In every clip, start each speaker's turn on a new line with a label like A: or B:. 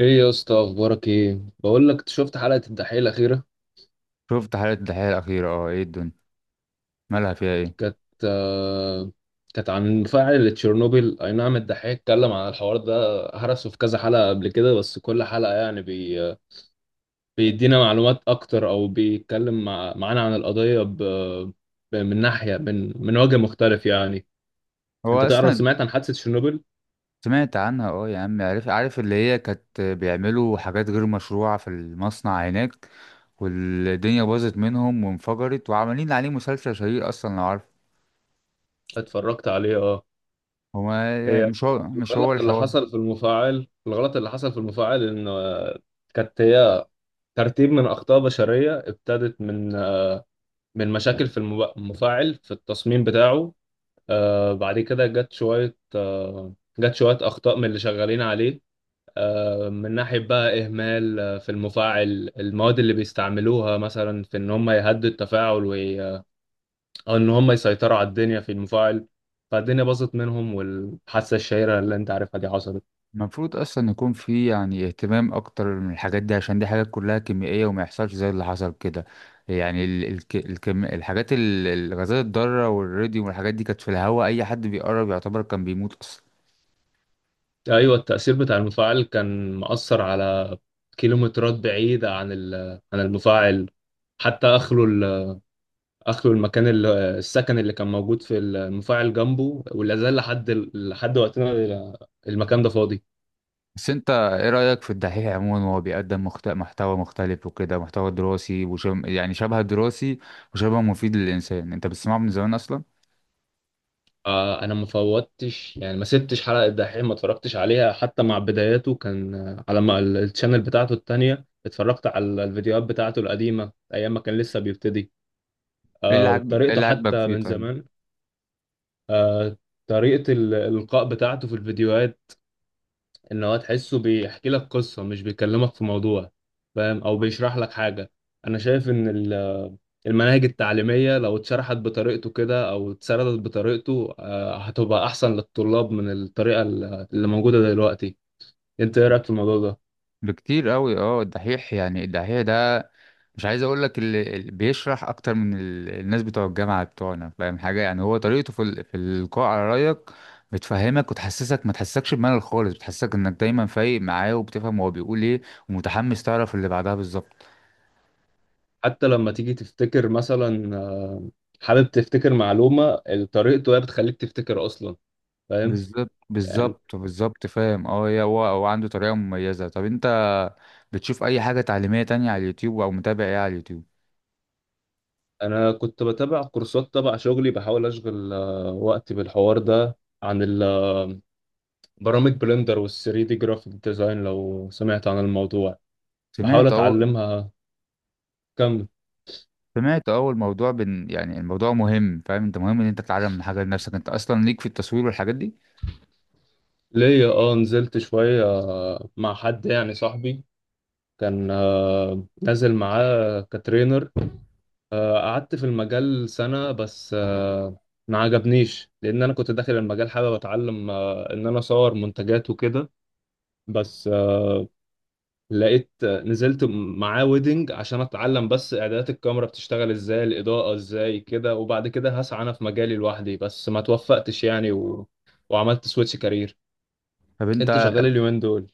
A: ايه يا اسطى، اخبارك؟ ايه، بقول لك شفت حلقه الدحيح الاخيره؟
B: شفت حلقة الدحيح الأخيرة، اه، ايه الدنيا مالها فيها ايه؟
A: كانت آه كانت عن فاعل تشيرنوبيل. اي نعم، الدحيح اتكلم عن الحوار ده هرسه في كذا حلقه قبل كده، بس كل حلقه يعني بيدينا معلومات اكتر، او بيتكلم معانا عن القضيه من ناحيه، من وجه مختلف يعني. انت
B: هو
A: تعرف،
B: أصلا
A: سمعت عن حادثه تشيرنوبيل؟
B: سمعت عنها؟ اه يا عم، عارف عارف اللي هي كانت بيعملوا حاجات غير مشروعة في المصنع هناك، والدنيا باظت منهم وانفجرت، وعمالين عليه مسلسل شهير أصلا لو عارف.
A: اتفرجت عليه، اه.
B: هو
A: هي
B: مش هو
A: الغلط اللي
B: الحوار.
A: حصل في المفاعل الغلط اللي حصل في المفاعل ان كانت هي ترتيب من أخطاء بشرية، ابتدت من مشاكل في المفاعل، في التصميم بتاعه. بعد كده جت شوية جت شوية أخطاء من اللي شغالين عليه، من ناحية بقى إهمال في المفاعل، المواد اللي بيستعملوها مثلا في إن هم يهدوا التفاعل، أو إن هم يسيطروا على الدنيا في المفاعل، فالدنيا باظت منهم، والحادثة الشهيرة اللي أنت عارفها دي حصلت.
B: المفروض اصلا يكون في يعني اهتمام اكتر من الحاجات دي، عشان دي حاجات كلها كيميائيه وما يحصلش زي اللي حصل كده. يعني ال الك الكم الحاجات الغازات الضاره والراديوم والحاجات دي كانت في الهواء، اي حد بيقرب يعتبر كان بيموت اصلا.
A: ايوه، التأثير بتاع المفاعل كان مأثر على كيلومترات بعيدة عن عن المفاعل. حتى اخلوا المكان، السكن اللي كان موجود في المفاعل جنبه، ولا زال لحد لحد وقتنا، المكان ده فاضي.
B: بس انت ايه رايك في الدحيح عموما وهو بيقدم محتوى مختلف وكده، محتوى دراسي يعني شبه دراسي وشبه مفيد للانسان؟ انت بتسمعه من زمان اصلا؟
A: انا ما فوتش يعني، ما سبتش حلقة الدحيح ما اتفرجتش عليها. حتى مع بداياته كان على ما الشانل بتاعته التانية، اتفرجت على الفيديوهات بتاعته القديمة، ايام ما كان لسه بيبتدي.
B: ايه اللي عاجبك ايه
A: بطريقته
B: اللي عاجبك
A: حتى
B: فيه
A: من
B: طيب؟
A: زمان. آه، طريقة الإلقاء بتاعته في الفيديوهات، إن هو تحسه بيحكي لك قصة، مش بيكلمك في موضوع، فاهم؟ أو بيشرح لك حاجة. أنا شايف إن المناهج التعليمية لو اتشرحت بطريقته كده، أو اتسردت بطريقته هتبقى أحسن للطلاب من اللي موجودة دلوقتي. أنت إيه رأيك في الموضوع ده؟
B: بكتير قوي، اه، الدحيح يعني الدحيح ده مش عايز اقول لك اللي بيشرح اكتر من الناس بتوع الجامعه بتوعنا، فاهم حاجه؟ يعني هو طريقته في القاء على رايك بتفهمك وتحسسك، ما تحسسكش بملل خالص، بتحسسك انك دايما فايق معاه وبتفهم هو بيقول ايه، ومتحمس تعرف اللي بعدها. بالظبط
A: حتى لما تيجي تفتكر مثلا حابب تفتكر معلومة، طريقته هي بتخليك تفتكر أصلا. فاهم؟
B: بالظبط
A: يعني
B: بالظبط بالظبط، فاهم اه يا هو عنده طريقه مميزه. طب انت بتشوف اي حاجه تعليميه تانية على اليوتيوب او متابع ايه على اليوتيوب؟
A: انا كنت بتابع كورسات تبع شغلي، بحاول اشغل وقتي بالحوار ده، عن برامج بلندر وال 3 دي جرافيك ديزاين، لو سمعت عن الموضوع بحاول
B: سمعت اه.
A: اتعلمها. كم
B: سمعت اول موضوع يعني الموضوع مهم، فاهم انت؟ مهم ان انت تتعلم حاجه لنفسك، انت اصلا ليك في التصوير والحاجات دي.
A: ليا؟ اه، نزلت شوية مع حد يعني صاحبي، كان نازل معاه كترينر. قعدت في المجال سنة بس. ما عجبنيش، لان انا كنت داخل المجال حابب اتعلم ان انا اصور منتجات وكده، بس لقيت نزلت معاه ويدنج عشان اتعلم بس اعدادات الكاميرا بتشتغل ازاي، الاضاءة ازاي كده، وبعد كده هسعى انا في مجالي لوحدي. بس ما توفقتش يعني، وعملت سويتش كارير.
B: طب انت،
A: انت شغال اليومين دول؟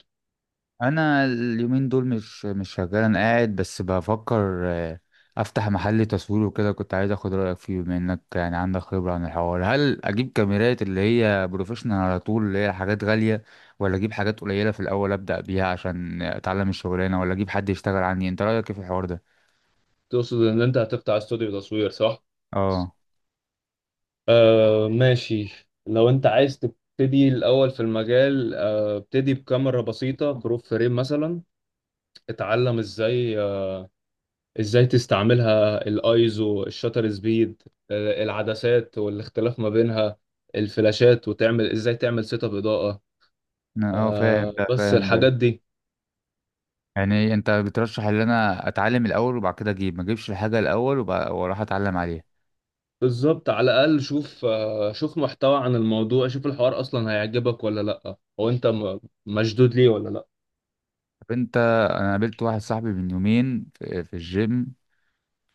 B: انا اليومين دول مش شغال، انا قاعد بس بفكر، افتح محل تصوير وكده. كنت عايز اخد رايك فيه بما انك يعني عندك خبره عن الحوار. هل اجيب كاميرات اللي هي بروفيشنال على طول اللي هي حاجات غاليه، ولا اجيب حاجات قليله في الاول ابدا بيها عشان اتعلم الشغلانه، ولا اجيب حد يشتغل عني؟ انت رايك ايه في الحوار ده؟
A: تقصد ان انت هتفتح استوديو تصوير، صح؟
B: اه
A: آه ماشي. لو انت عايز تبتدي الاول في المجال، آه ابتدي بكاميرا بسيطة بروف فريم مثلا. اتعلم ازاي، ازاي تستعملها، الايزو، الشاتر سبيد، العدسات والاختلاف ما بينها، الفلاشات، وتعمل ازاي تعمل سيت اب اضاءة.
B: اه، فاهم ده
A: بس
B: فاهم ده.
A: الحاجات دي
B: يعني انت بترشح ان انا اتعلم الاول وبعد كده اجيب، ما اجيبش الحاجه الاول واروح اتعلم عليها؟
A: بالظبط، على الاقل شوف شوف محتوى عن الموضوع، شوف الحوار اصلا هيعجبك ولا لا، هو انت مشدود ليه ولا لا.
B: طب انت، انا قابلت واحد صاحبي من يومين في الجيم،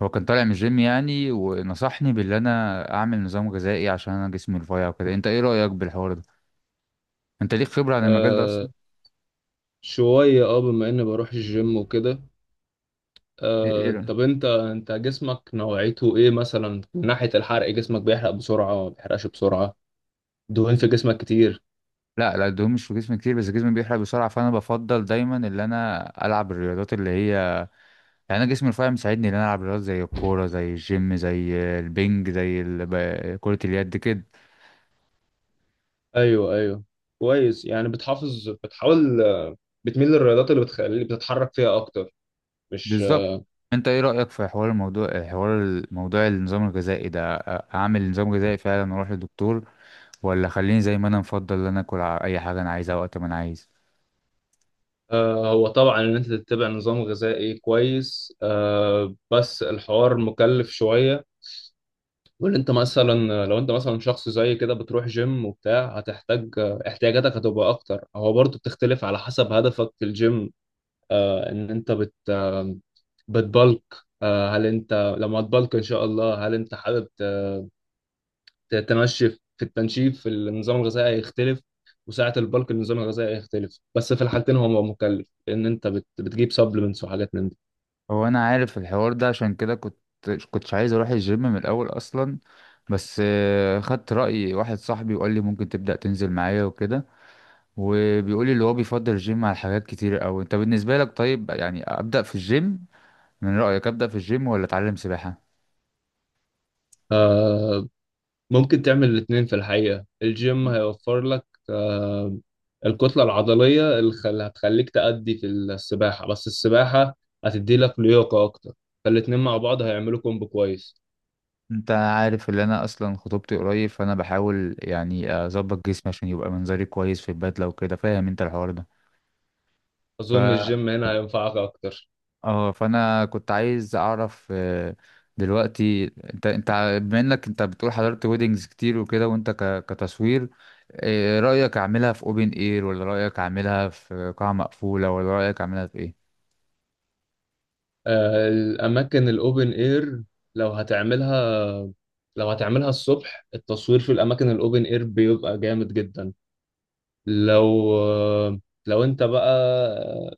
B: هو كان طالع من الجيم يعني ونصحني باللي انا اعمل نظام غذائي عشان انا جسمي رفيع وكده. انت ايه رايك بالحوار ده؟ انت ليك خبره عن المجال ده اصلا؟
A: آه، شوية اه، بما اني بروح الجيم وكده.
B: إيه
A: طب
B: رأيك؟
A: انت جسمك نوعيته ايه مثلا؟ من ناحية الحرق، جسمك بيحرق بسرعة ما بيحرقش بسرعة؟ دهون في جسمك كتير؟
B: لا لا، الدهون مش في جسمي كتير بس جسمي بيحرق بسرعه، فانا بفضل دايما ان انا العب الرياضات اللي هي يعني، انا جسمي رفيع مساعدني ان انا العب رياضات زي الكوره زي الجيم زي البنج زي كره اليد كده.
A: ايوه ايوه، كويس. يعني بتحافظ، بتحاول بتميل للرياضات اللي بتخليك بتتحرك فيها اكتر، مش
B: بالظبط. انت ايه رأيك في حوار الموضوع، حوار الموضوع النظام الغذائي ده؟ اعمل نظام غذائي فعلا واروح للدكتور، ولا خليني زي ما انا مفضل ان انا اكل اي حاجة انا عايزها وقت ما انا عايز؟
A: هو طبعا ان انت تتبع نظام غذائي كويس، بس الحوار مكلف شويه. وان انت مثلا، لو انت مثلا شخص زي كده بتروح جيم وبتاع، هتحتاج احتياجاتك هتبقى اكتر. هو برضه بتختلف على حسب هدفك في الجيم، ان انت بت آه، بتبلك. هل انت لما تبلك ان شاء الله، هل انت حابب تمشي في التنشيف؟ في النظام الغذائي هيختلف، وساعة البلك النظام الغذائي هيختلف. بس في الحالتين هو مكلف، لأن أنت بتجيب سبلمنتس وحاجات من دي.
B: هو انا عارف الحوار ده، عشان كده كنت كنتش عايز اروح الجيم من الاول اصلا. بس خدت رأي واحد صاحبي وقال لي ممكن تبدأ تنزل معايا وكده، وبيقول لي اللي هو بيفضل الجيم على حاجات كتير قوي. انت بالنسبة لك طيب يعني ابدأ في الجيم، من رأيك ابدأ في الجيم ولا اتعلم سباحة؟
A: آه ممكن تعمل الاتنين في الحقيقة، الجيم هيوفر لك آه الكتلة العضلية اللي هتخليك تأدي في السباحة، بس السباحة هتدي لك لياقة أكتر. فالاتنين مع بعض هيعملوا كومبو كويس.
B: انت عارف ان انا اصلا خطوبتي قريب، فانا بحاول يعني اظبط جسمي عشان يبقى منظري كويس في البدله وكده، فاهم انت الحوار ده؟ ف
A: أظن الجيم هنا هينفعك أكتر.
B: اه فانا كنت عايز اعرف، دلوقتي، انت بما انك انت بتقول حضرت ويدنجز كتير وكده، وانت كتصوير، رايك اعملها في اوبن اير، ولا رايك اعملها في قاعه مقفوله، ولا رايك اعملها في ايه؟
A: الأماكن الأوبن إير، لو هتعملها، لو هتعملها الصبح التصوير في الأماكن الأوبن إير بيبقى جامد جدا. لو لو أنت بقى آه،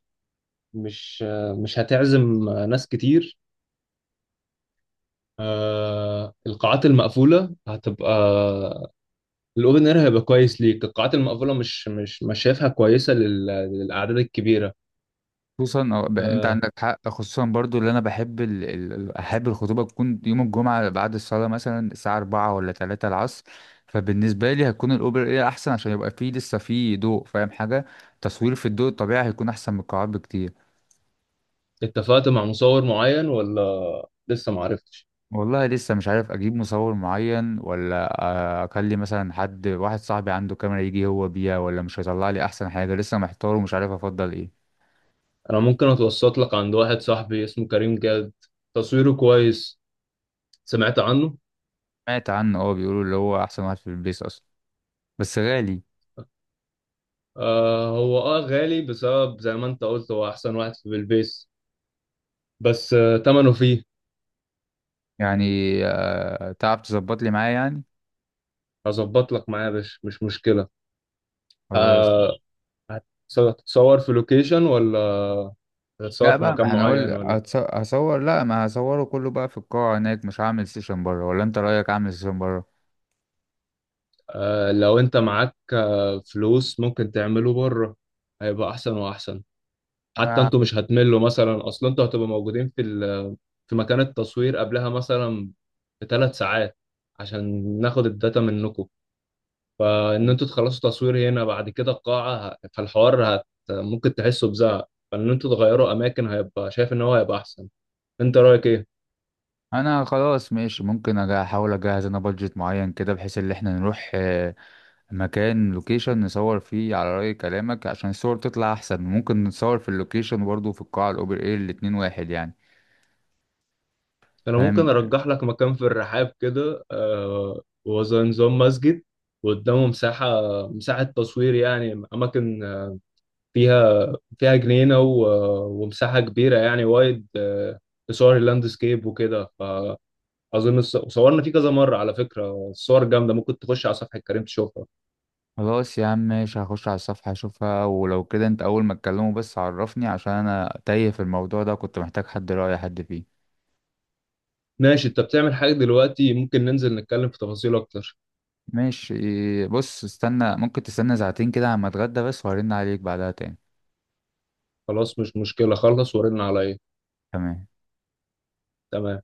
A: مش مش هتعزم ناس كتير، القاعات المقفولة هتبقى، الأوبن إير هيبقى كويس ليك. القاعات المقفولة مش شايفها كويسة للأعداد الكبيرة.
B: خصوصا انت
A: آه،
B: عندك حق، خصوصا برضو اللي انا بحب احب الخطوبه تكون يوم الجمعه بعد الصلاه مثلا الساعه 4 ولا 3 العصر. فبالنسبه لي هتكون الاوبر ايه احسن، عشان يبقى فيه لسه فيه ضوء، فاهم حاجه؟ تصوير في الضوء الطبيعي هيكون احسن من القاعات بكتير.
A: اتفقت مع مصور معين ولا لسه معرفتش؟
B: والله لسه مش عارف اجيب مصور معين، ولا اكلم مثلا حد واحد صاحبي عنده كاميرا يجي هو بيها، ولا مش هيطلع لي احسن حاجه، لسه محتار ومش عارف افضل ايه.
A: انا ممكن اتوسط لك عند واحد صاحبي اسمه كريم جاد، تصويره كويس، سمعت عنه؟
B: سمعت عنه اه، بيقولوا اللي هو احسن واحد في البيس اصلا بس غالي.
A: آه هو اه غالي بسبب زي ما انت قلت، هو احسن واحد في البيس، بس آه تمنه فيه.
B: يعني، تعرف تظبط لي معاه يعني؟
A: هظبط لك معاه يا باشا، مش مشكلة.
B: خلاص.
A: آه هتتصور في لوكيشن، ولا هتتصور
B: لا
A: في
B: بقى،
A: مكان
B: ما
A: معين
B: هنقول
A: ولا؟
B: هصور، لا، ما هصوره كله بقى في القاعة هناك، مش هعمل سيشن بره. ولا انت رأيك اعمل سيشن بره؟
A: آه لو انت معاك آه فلوس، ممكن تعمله بره، هيبقى احسن واحسن. حتى
B: انا
A: انتوا مش هتملوا مثلا، اصلا انتوا هتبقوا موجودين في في مكان التصوير قبلها مثلا بثلاث ساعات عشان ناخد الداتا منكم. فان انتوا تخلصوا تصوير هنا بعد كده القاعة ه- فالحوار هت ممكن تحسوا بزهق، فان انتوا تغيروا اماكن هيبقى، شايف ان هو هيبقى احسن. انت رايك ايه؟
B: انا خلاص ماشي، ممكن احاول اجهز انا بادجت معين كده، بحيث ان احنا نروح، مكان لوكيشن نصور فيه على رأي كلامك عشان الصور تطلع احسن، ممكن نصور في اللوكيشن برضه في القاعة الاوبن اير، الاتنين واحد يعني.
A: انا ممكن
B: فاهم.
A: ارجح لك مكان في الرحاب كده، آه هو زي نظام مسجد وقدامه مساحة، مساحة تصوير يعني، أماكن فيها، فيها جنينة ومساحة كبيرة يعني وايد لصور اللاندسكيب وكده. فأظن وصورنا فيه كذا مرة، على فكرة الصور جامدة، ممكن تخش على صفحة كريم تشوفها.
B: خلاص يا عم ماشي، هخش على الصفحة اشوفها، ولو كده انت اول ما تكلمه بس عرفني، عشان انا تايه في الموضوع ده، كنت محتاج حد، رأي حد فيه.
A: ماشي، أنت بتعمل حاجة دلوقتي؟ ممكن ننزل نتكلم في تفاصيل أكتر.
B: ماشي. بص استنى، ممكن تستنى ساعتين كده عما اتغدى بس، وهرن عليك بعدها تاني.
A: خلاص مش مشكلة، خلص ورن عليا.
B: تمام.
A: تمام.